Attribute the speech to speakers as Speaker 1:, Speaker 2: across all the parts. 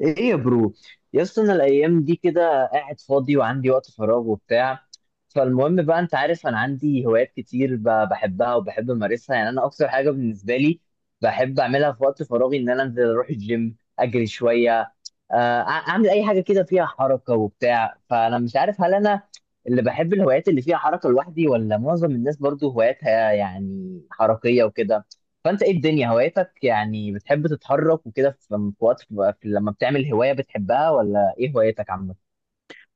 Speaker 1: ايه يا برو، يا اسطى، انا الايام دي كده قاعد فاضي وعندي وقت فراغ وبتاع. فالمهم بقى، انت عارف انا عندي هوايات كتير بحبها وبحب امارسها. يعني انا اكتر حاجه بالنسبه لي بحب اعملها في وقت فراغي ان انا انزل اروح الجيم، اجري شويه، اعمل اي حاجه كده فيها حركه وبتاع. فانا مش عارف هل انا اللي بحب الهوايات اللي فيها حركه لوحدي، ولا معظم الناس برضو هواياتها يعني حركيه وكده. فانت ايه الدنيا هوايتك؟ يعني بتحب تتحرك وكده في وقت بتبقى لما بتعمل هواية بتحبها، ولا ايه هوايتك عامة؟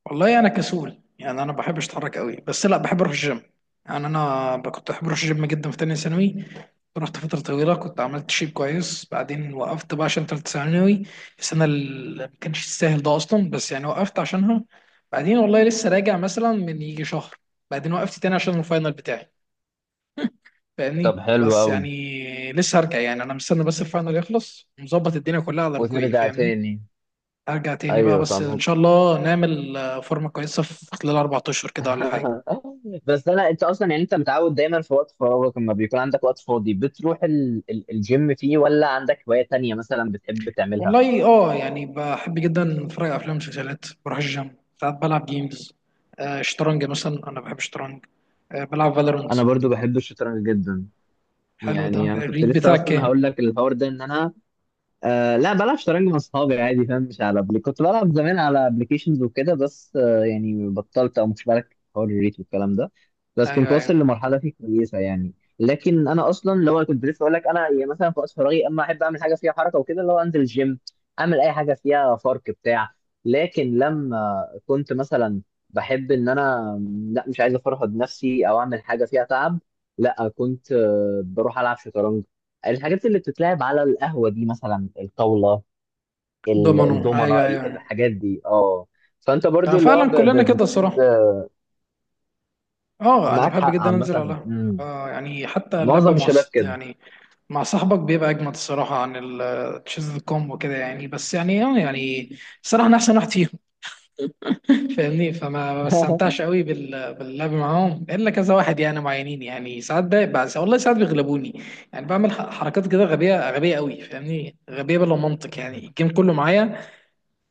Speaker 2: والله انا كسول، يعني انا ما بحبش اتحرك قوي، بس لا بحب اروح الجيم. يعني كنت بحب اروح الجيم جدا في تانية ثانوي. رحت فترة طويلة، كنت عملت شيب كويس، بعدين وقفت بقى عشان تالتة ثانوي، السنة اللي ما كانش تستاهل ده أصلا، بس يعني وقفت عشانها. بعدين والله لسه راجع مثلا من يجي شهر، بعدين وقفت تاني عشان الفاينل بتاعي.
Speaker 1: طب
Speaker 2: فاهمني،
Speaker 1: حلو
Speaker 2: بس
Speaker 1: قوي.
Speaker 2: يعني لسه هرجع، يعني أنا مستني بس الفاينل يخلص، مظبط الدنيا كلها على رجوعي.
Speaker 1: وترجع
Speaker 2: فاهمني،
Speaker 1: تاني.
Speaker 2: ارجع تاني بقى،
Speaker 1: ايوه
Speaker 2: بس ان
Speaker 1: فاهم.
Speaker 2: شاء الله نعمل فورمه كويسه في خلال 4 اشهر كده ولا حاجه.
Speaker 1: بس انا، انت اصلا يعني انت متعود دايما في وقت فراغك لما بيكون عندك وقت فاضي بتروح الجيم فيه، ولا عندك هواية تانية مثلا بتحب تعملها؟
Speaker 2: والله اه، يعني بحب جدا اتفرج على افلام ومسلسلات، بروح الجيم، ساعات بلعب جيمز، آه شطرنج مثلا، انا بحب الشطرنج، آه بلعب فالورنت.
Speaker 1: انا برضو بحب الشطرنج جدا.
Speaker 2: حلو، ده
Speaker 1: يعني انا كنت
Speaker 2: الريد
Speaker 1: لسه
Speaker 2: بتاعك
Speaker 1: اصلا
Speaker 2: كام؟
Speaker 1: هقول لك الحوار ده، ان انا، آه لا، بلعب شطرنج مع اصحابي عادي، فاهم؟ مش على بلي. كنت بلعب زمان على ابلكيشنز وكده، بس آه يعني بطلت، او مش بالك حوار الريت والكلام ده. بس كنت
Speaker 2: ايوه
Speaker 1: واصل
Speaker 2: ايوه.
Speaker 1: لمرحله فيه كويسه يعني. لكن انا اصلا اللي هو كنت لسه اقول لك، انا يعني مثلا في وقت فراغي اما احب اعمل حاجه فيها حركه وكده، اللي هو انزل الجيم، اعمل اي حاجه فيها فرق بتاع. لكن لما كنت مثلا بحب ان انا لا، مش عايز افرهد نفسي او اعمل حاجه فيها تعب، لا كنت بروح العب شطرنج. الحاجات اللي بتتلعب على القهوة دي، مثلا الطاولة،
Speaker 2: ضمنه،
Speaker 1: الضمنة،
Speaker 2: ايوه ايوه.
Speaker 1: الحاجات دي. اه. فانت
Speaker 2: آه
Speaker 1: برضو اللي هو
Speaker 2: فعلا كلنا كده
Speaker 1: بتحب.
Speaker 2: الصراحه. اه، انا
Speaker 1: معاك
Speaker 2: بحب
Speaker 1: حق
Speaker 2: جدا انزل على
Speaker 1: عامة.
Speaker 2: القهوة. اه يعني حتى اللعبه
Speaker 1: معظم الشباب كده.
Speaker 2: يعني مع صاحبك بيبقى اجمد الصراحه، عن التشيز كومبو كده، يعني بس يعني اه يعني الصراحه انا احسن واحد فيهم. فاهمني، فما ما بستمتعش قوي باللعب معاهم الا كذا واحد يعني، معينين يعني، ساعات ده بس، والله ساعات بيغلبوني. يعني بعمل حركات كده غبيه غبيه قوي فاهمني، غبيه بلا منطق يعني، الجيم كله معايا،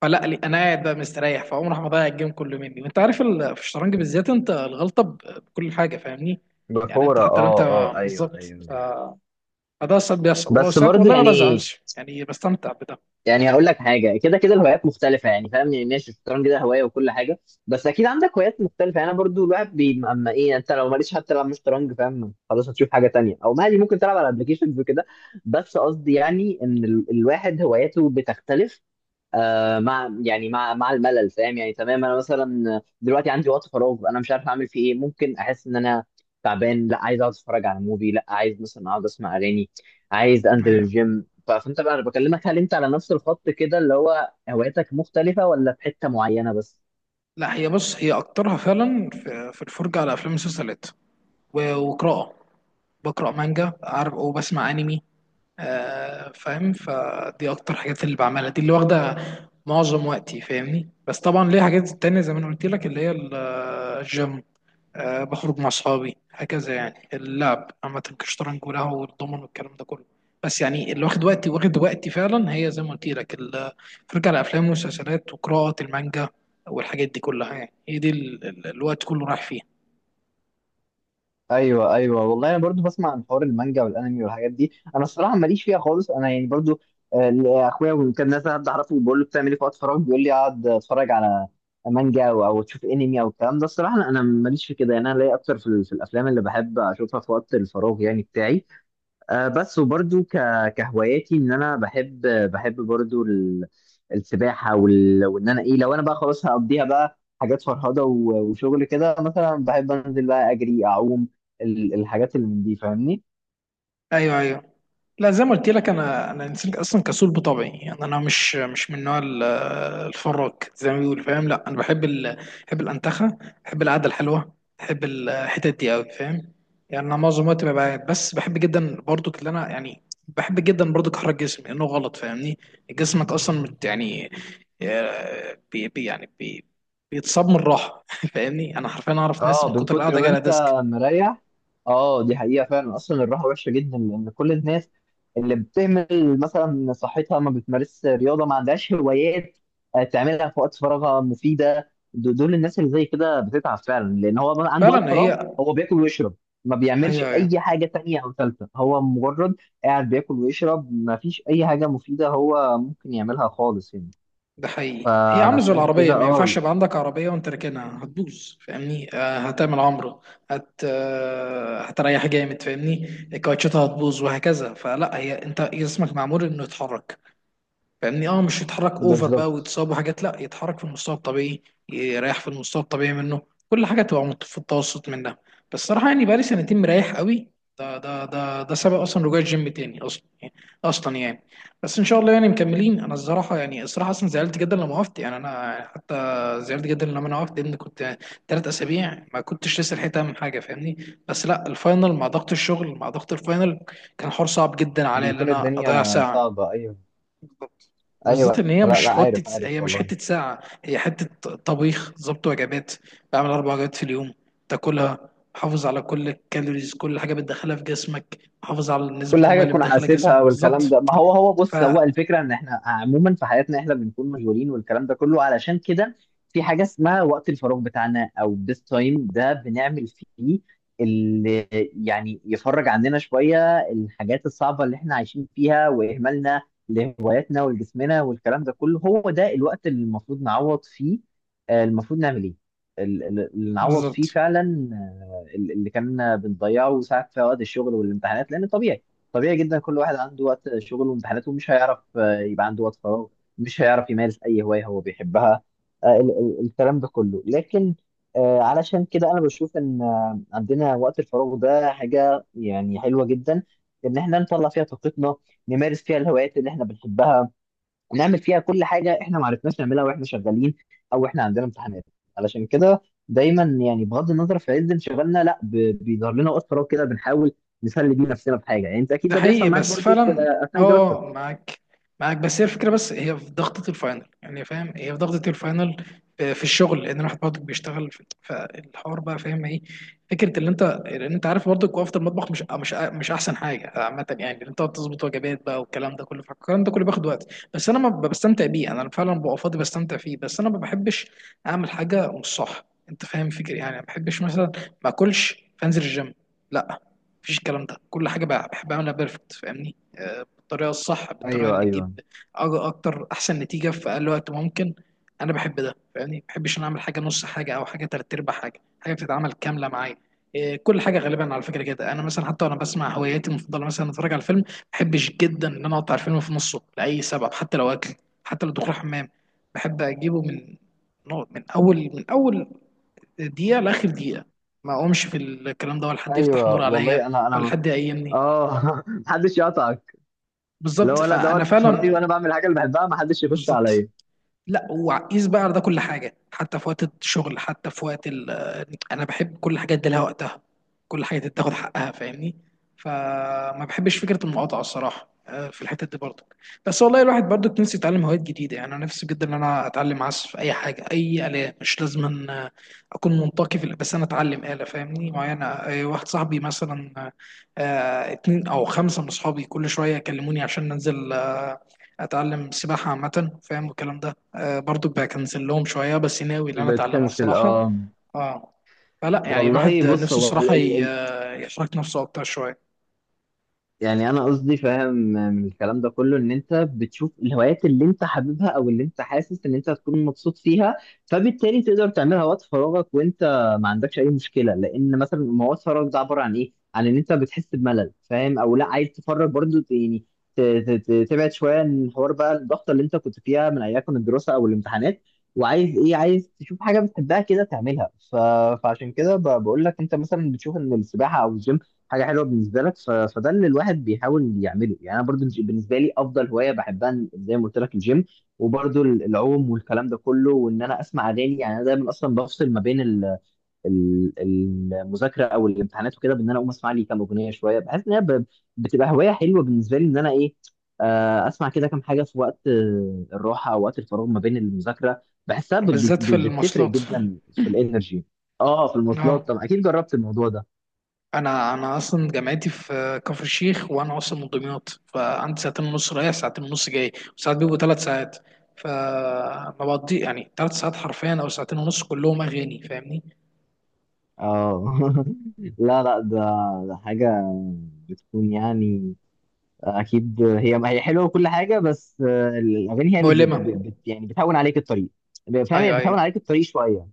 Speaker 2: فلا لي، انا قاعد بقى مستريح، فاقوم راح مضيع الجيم كله مني. وانت عارف في الشطرنج بالذات انت الغلطه بكل حاجه فاهمني، يعني انت
Speaker 1: بفورة اه.
Speaker 2: حتى لو انت،
Speaker 1: اه، ايوه
Speaker 2: بالظبط.
Speaker 1: ايوه.
Speaker 2: فده ساعات بيحصل،
Speaker 1: بس
Speaker 2: وساعات
Speaker 1: برضو
Speaker 2: والله ما
Speaker 1: يعني،
Speaker 2: بزعلش يعني بستمتع بده.
Speaker 1: يعني هقول لك حاجه، كده كده الهوايات مختلفه، يعني فاهم؟ يعني ماشي، الشطرنج ده هوايه وكل حاجه، بس اكيد عندك هوايات مختلفه. يعني انا برضو الواحد اما ايه، يعني انت لو ماليش حتى تلعب مش شطرنج، فاهم، خلاص هتشوف حاجه تانية، او مالي ممكن تلعب على ابلكيشنز وكده. بس قصدي يعني ان الواحد هواياته بتختلف، مع يعني مع الملل، فاهم؟ يعني تمام. انا مثلا دلوقتي عندي وقت فراغ، انا مش عارف اعمل فيه ايه. ممكن احس ان انا تعبان، لا عايز اقعد اتفرج على موفي، لا عايز مثلا اقعد اسمع اغاني، عايز انزل
Speaker 2: ايوه،
Speaker 1: الجيم. فانت بقى، انا بكلمك، هل انت على نفس الخط كده اللي هو هواياتك مختلفة، ولا في حتة معينة بس؟
Speaker 2: لا هي بص، هي اكترها فعلا في الفرجه على افلام ومسلسلات، وقراءه، بقرا مانجا عارف، وبسمع انمي. آه فاهم، فدي اكتر حاجات اللي بعملها، دي اللي واخده معظم وقتي فاهمني. بس طبعا ليه حاجات تانية زي ما انا قلت لك، اللي هي الجيم. أه بخرج مع أصحابي، هكذا يعني اللعب عامة كشطرنج وله والضمن والكلام ده كله. بس يعني اللي واخد وقتي، واخد وقتي فعلا، هي زي ما قلت لك الفرجة على أفلام ومسلسلات وقراءة المانجا، والحاجات دي كلها. يعني هي دي الوقت كله رايح فيها.
Speaker 1: ايوه ايوه. والله انا برضو بسمع عن حوار المانجا والانمي والحاجات دي، انا الصراحه ماليش فيها خالص. انا يعني برضو اخويا وكان ناس، حد اعرفه بقول له بتعمل ايه في وقت فراغ، بيقول لي اقعد اتفرج على مانجا أو تشوف انمي او الكلام ده. الصراحه أنا ماليش في كده. يعني انا ليا اكتر في, في الافلام اللي بحب اشوفها في وقت الفراغ يعني بتاعي. بس وبرضو كهواياتي، ان انا بحب برضو السباحه وان انا ايه، لو انا بقى خلاص هقضيها بقى حاجات فرهضه وشغل كده، مثلا بحب انزل بقى اجري اعوم، الحاجات اللي من دي، فاهمني؟
Speaker 2: أيوه أيوه. لا زي ما قلت لك، انا انا انسان اصلا كسول بطبعي يعني، انا مش من نوع الفراك زي ما بيقولوا فاهم. لا انا بحب ال...، بحب الانتخه، بحب القعده الحلوه، بحب الحتت دي قوي فاهم. يعني انا معظم الوقت ببقى قاعد، بس بحب جدا برضك، اللي انا يعني بحب جدا برضك احرك جسمي لانه غلط فاهمني، جسمك اصلا يعني، آه، بي بي- يعني بي بيتصاب من الراحه. فاهمني، انا حرفيا اعرف ناس
Speaker 1: اه،
Speaker 2: من
Speaker 1: من
Speaker 2: كتر
Speaker 1: كتر
Speaker 2: القعده
Speaker 1: ما
Speaker 2: جالها
Speaker 1: انت
Speaker 2: ديسك.
Speaker 1: مريح. اه، دي حقيقة فعلا. اصلا الراحة وحشة جدا، لان كل الناس اللي بتهمل مثلا صحتها، ما بتمارسش رياضة، ما عندهاش هوايات تعملها في وقت فراغها مفيدة، دول الناس اللي زي كده بتتعب فعلا، لان هو ما عنده وقت
Speaker 2: فعلا
Speaker 1: فراغ،
Speaker 2: هي
Speaker 1: هو بياكل ويشرب، ما بيعملش
Speaker 2: هي
Speaker 1: اي حاجة تانية او ثالثة. هو مجرد قاعد بياكل ويشرب، ما فيش اي حاجة مفيدة هو ممكن يعملها خالص يعني.
Speaker 2: ده حقيقي، هي عامله زي
Speaker 1: فعلشان
Speaker 2: العربيه،
Speaker 1: كده
Speaker 2: ما ينفعش
Speaker 1: اه.
Speaker 2: يبقى عندك عربيه وانت راكنها هتبوظ فاهمني. آه هتعمل عمره، هت آه هتريح جامد فاهمني، كاوتشاتها هتبوظ وهكذا. فلا هي، انت جسمك معمول انه يتحرك فاهمني، اه مش يتحرك اوفر بقى
Speaker 1: بالظبط.
Speaker 2: ويتصاب وحاجات، لا يتحرك في المستوى الطبيعي، يريح في المستوى الطبيعي منه، كل حاجه تبقى في التوسط منها. بس صراحه يعني بقالي سنتين مريح قوي، ده سبب اصلا رجوع الجيم تاني اصلا يعني، اصلا يعني. بس ان شاء الله يعني مكملين. انا الصراحه يعني الصراحه اصلا زعلت جدا لما وقفت، يعني انا حتى زعلت جدا لما انا وقفت لان كنت 3 اسابيع ما كنتش لسه لحقت اعمل حاجه فاهمني. بس لا الفاينل مع ضغط الشغل مع ضغط الفاينل، كان حوار صعب جدا عليا ان
Speaker 1: بيكون
Speaker 2: انا اضيع
Speaker 1: الدنيا
Speaker 2: ساعه.
Speaker 1: صعبة، أيوة.
Speaker 2: بالظبط، بالذات
Speaker 1: ايوه،
Speaker 2: ان هي
Speaker 1: لا
Speaker 2: مش
Speaker 1: لا، عارف
Speaker 2: حته،
Speaker 1: عارف
Speaker 2: هي مش
Speaker 1: والله.
Speaker 2: حته ساعه، هي حته طبيخ، ظبط وجبات، بعمل اربع وجبات في اليوم تاكلها، حافظ على كل الكالوريز، كل حاجه بتدخلها في جسمك، حافظ على نسبه
Speaker 1: كل
Speaker 2: الميه
Speaker 1: حاجه
Speaker 2: اللي
Speaker 1: تكون
Speaker 2: بتدخلها
Speaker 1: حاسبها
Speaker 2: جسمك
Speaker 1: والكلام ده.
Speaker 2: بالظبط.
Speaker 1: ما هو، هو
Speaker 2: ف،
Speaker 1: بص، هو الفكره ان احنا عموما في حياتنا احنا بنكون مشغولين والكلام ده كله، علشان كده في حاجه اسمها وقت الفراغ بتاعنا، او this تايم ده بنعمل فيه اللي يعني يفرج عندنا شويه الحاجات الصعبه اللي احنا عايشين فيها، واهمالنا لهواياتنا ولجسمنا والكلام ده كله. هو ده الوقت اللي المفروض نعوض فيه، المفروض نعمل ايه، اللي نعوض فيه
Speaker 2: بالظبط.
Speaker 1: فعلا اللي كنا بنضيعه ساعات في وقت الشغل والامتحانات. لان طبيعي، طبيعي جدا، كل واحد عنده وقت شغل وامتحانات ومش هيعرف يبقى عنده وقت فراغ، مش هيعرف يمارس اي هوايه هو بيحبها، الكلام ده كله. لكن علشان كده انا بشوف ان عندنا وقت الفراغ ده حاجه يعني حلوه جدا، ان احنا نطلع فيها طاقتنا، نمارس فيها الهوايات اللي احنا بنحبها، هنعمل فيها كل حاجه احنا ما عرفناش نعملها واحنا شغالين او احنا عندنا امتحانات. علشان كده دايما، يعني بغض النظر في عز انشغالنا، لا بيظهر لنا وقت فراغ كده بنحاول نسلي بيه نفسنا بحاجه. يعني انت اكيد
Speaker 2: ده
Speaker 1: ده
Speaker 2: حقيقي
Speaker 1: بيحصل معاك
Speaker 2: بس
Speaker 1: برضو في
Speaker 2: فعلا.
Speaker 1: اثناء
Speaker 2: اه
Speaker 1: دراستك.
Speaker 2: معاك، معاك بس هي الفكره، بس هي في ضغطه الفاينل يعني فاهم، هي في ضغطه الفاينل، في الشغل لان الواحد برضك بيشتغل فالحوار بقى فاهم ايه. فكره اللي انت، لان انت عارف برضك وقفه المطبخ مش احسن حاجه عامه يعني، اللي انت تظبط وجبات بقى والكلام ده كله، فالكلام ده كله بياخد وقت. بس انا ما ب- بستمتع بيه، انا فعلا ببقى فاضي بستمتع فيه، بس انا ما بحبش اعمل حاجه مش صح انت فاهم فكري يعني، ما بحبش مثلا ما اكلش فانزل الجيم، لا، مفيش الكلام ده. كل حاجه بقى بحب اعملها بيرفكت فاهمني، بالطريقه الصح، بالطريقه
Speaker 1: ايوه
Speaker 2: اللي تجيب
Speaker 1: ايوه
Speaker 2: اكتر احسن نتيجه في اقل وقت ممكن. انا بحب ده فاهمني، ما بحبش ان اعمل حاجه نص حاجه او حاجه تلات ارباع حاجه، حاجه بتتعمل كامله معايا. كل حاجه غالبا على فكره كده، انا مثلا حتى وانا بسمع هواياتي المفضله، مثلا اتفرج على الفيلم ما بحبش جدا ان انا اقطع الفيلم في نصه لاي سبب، حتى لو اكل، حتى لو دخول حمام، بحب اجيبه من من اول دقيقة لآخر دقيقة، ما أقومش في الكلام ده، ولا حد يفتح
Speaker 1: ايوه
Speaker 2: نور
Speaker 1: والله.
Speaker 2: عليا،
Speaker 1: انا
Speaker 2: ولا
Speaker 1: انا
Speaker 2: حد يقيمني.
Speaker 1: اه. محدش يقطعك.
Speaker 2: بالظبط
Speaker 1: لو، لا، ده
Speaker 2: فأنا
Speaker 1: وقت فراغي
Speaker 2: فعلا
Speaker 1: وانا بعمل حاجه اللي بحبها، محدش يخش
Speaker 2: بالظبط.
Speaker 1: عليا.
Speaker 2: لا وقيس بقى على ده كل حاجه، حتى في وقت الشغل، حتى في وقت ال...، انا بحب كل حاجه ادي لها وقتها، كل حاجه تاخد حقها فاهمني. فما بحبش فكره المقاطعه الصراحه، في الحته دي برضه. بس والله الواحد برضه نفسه يتعلم هوايات جديده، يعني انا نفسي جدا ان انا اتعلم عزف اي حاجه، اي اله، مش لازم أن اكون منطقي في الآلة، بس انا اتعلم اله فاهمني معينه. واحد صاحبي مثلا، اتنين او خمسه من اصحابي كل شويه يكلموني عشان ننزل، اتعلم سباحه عامه فاهم والكلام ده، آه برضو بكنسل لهم شويه بس ناوي ان انا اتعلمها
Speaker 1: بتكنسل
Speaker 2: الصراحه.
Speaker 1: اه.
Speaker 2: اه فلا يعني
Speaker 1: والله
Speaker 2: الواحد
Speaker 1: بص،
Speaker 2: نفسه
Speaker 1: هو
Speaker 2: الصراحه يحرك نفسه اكتر شويه.
Speaker 1: يعني انا قصدي فاهم من الكلام ده كله، ان انت بتشوف الهوايات اللي انت حاببها او اللي انت حاسس ان انت هتكون مبسوط فيها، فبالتالي تقدر تعملها وقت فراغك وانت ما عندكش اي مشكله. لان مثلا ما هو وقت فراغك ده عباره عن ايه؟ عن ان انت بتحس بملل، فاهم، او لا عايز تفرغ برضو، يعني تبعد شويه عن الحوار بقى، الضغطه اللي انت كنت فيها من ايام الدراسه او الامتحانات، وعايز ايه؟ عايز تشوف حاجه بتحبها كده تعملها. فعشان كده بقول لك انت مثلا بتشوف ان السباحه او الجيم حاجه حلوه بالنسبه لك. فده اللي الواحد بيحاول يعمله. يعني انا برضو بالنسبه لي افضل هوايه بحبها، زي ما قلت لك الجيم، وبرضو العوم والكلام ده كله، وان انا اسمع اغاني. يعني انا دايما اصلا بفصل ما بين المذاكره او الامتحانات وكده، بان انا اقوم اسمع لي كام اغنيه شويه. بحس ان هي بتبقى هوايه حلوه بالنسبه لي، ان انا ايه، اسمع كده كام حاجه في وقت الراحه او وقت الفراغ ما بين المذاكره، بحسها
Speaker 2: بالذات في
Speaker 1: بتفرق
Speaker 2: المواصلات،
Speaker 1: جدا في الانرجي. اه في المواصلات
Speaker 2: اه
Speaker 1: طبعا، اكيد جربت الموضوع ده.
Speaker 2: انا انا اصلا جامعتي في كفر الشيخ، وانا اصلا من دمياط، فعندي ساعتين ونص رايح ساعتين ونص جاي، وساعات بيبقوا 3 ساعات، فبقضي يعني 3 ساعات حرفيا او ساعتين ونص كلهم اغاني فاهمني.
Speaker 1: اه. لا لا، ده، ده حاجة بتكون يعني، أكيد هي، هي حلوة وكل حاجة، بس الأغاني هي اللي
Speaker 2: مؤلمه،
Speaker 1: ب- ب- بت يعني بتهون عليك الطريق، فاهم؟ هي
Speaker 2: ايوه
Speaker 1: بتهون
Speaker 2: ايوه.
Speaker 1: عليك الطريق شوية.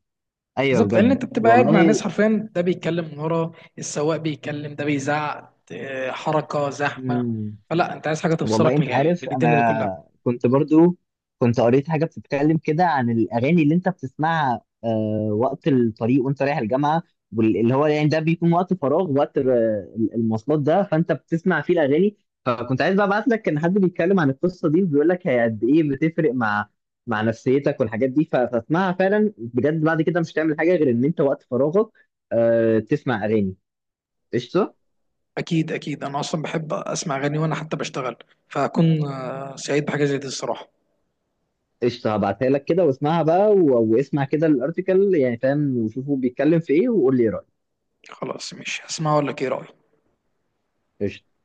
Speaker 1: أيوه
Speaker 2: بالظبط لان
Speaker 1: بجد
Speaker 2: انت بتبقى قاعد مع
Speaker 1: والله.
Speaker 2: ناس حرفيا، ده بيتكلم من ورا، السواق بيتكلم، ده بيزعق، حركه زحمه،
Speaker 1: مم.
Speaker 2: فلا انت عايز حاجه
Speaker 1: والله
Speaker 2: تفصلك من
Speaker 1: انت
Speaker 2: يعني
Speaker 1: عارف،
Speaker 2: من الدنيا دي كلها.
Speaker 1: انا كنت برضو كنت قريت حاجه بتتكلم كده عن الاغاني اللي انت بتسمعها وقت الطريق وانت رايح الجامعه، واللي هو يعني ده بيكون وقت فراغ، وقت المواصلات ده، فانت بتسمع فيه الاغاني. فكنت عايز بقى ابعت لك، كان حد بيتكلم عن القصه دي وبيقول لك هي قد ايه بتفرق مع مع نفسيتك والحاجات دي. فاسمعها فعلا بجد، بعد كده مش هتعمل حاجه غير ان انت وقت فراغك تسمع اغاني. قشطه.
Speaker 2: اكيد اكيد، انا اصلا بحب اسمع اغاني وانا حتى بشتغل، فاكون سعيد بحاجه زي دي الصراحه.
Speaker 1: قشطة هبعتها لك كده واسمعها بقى، واسمع كده الارتكل يعني، فاهم، وشوفوا بيتكلم في ايه وقول لي ايه رأيك.
Speaker 2: خلاص مش هسمعها ولا ايه رايك؟
Speaker 1: قشطة.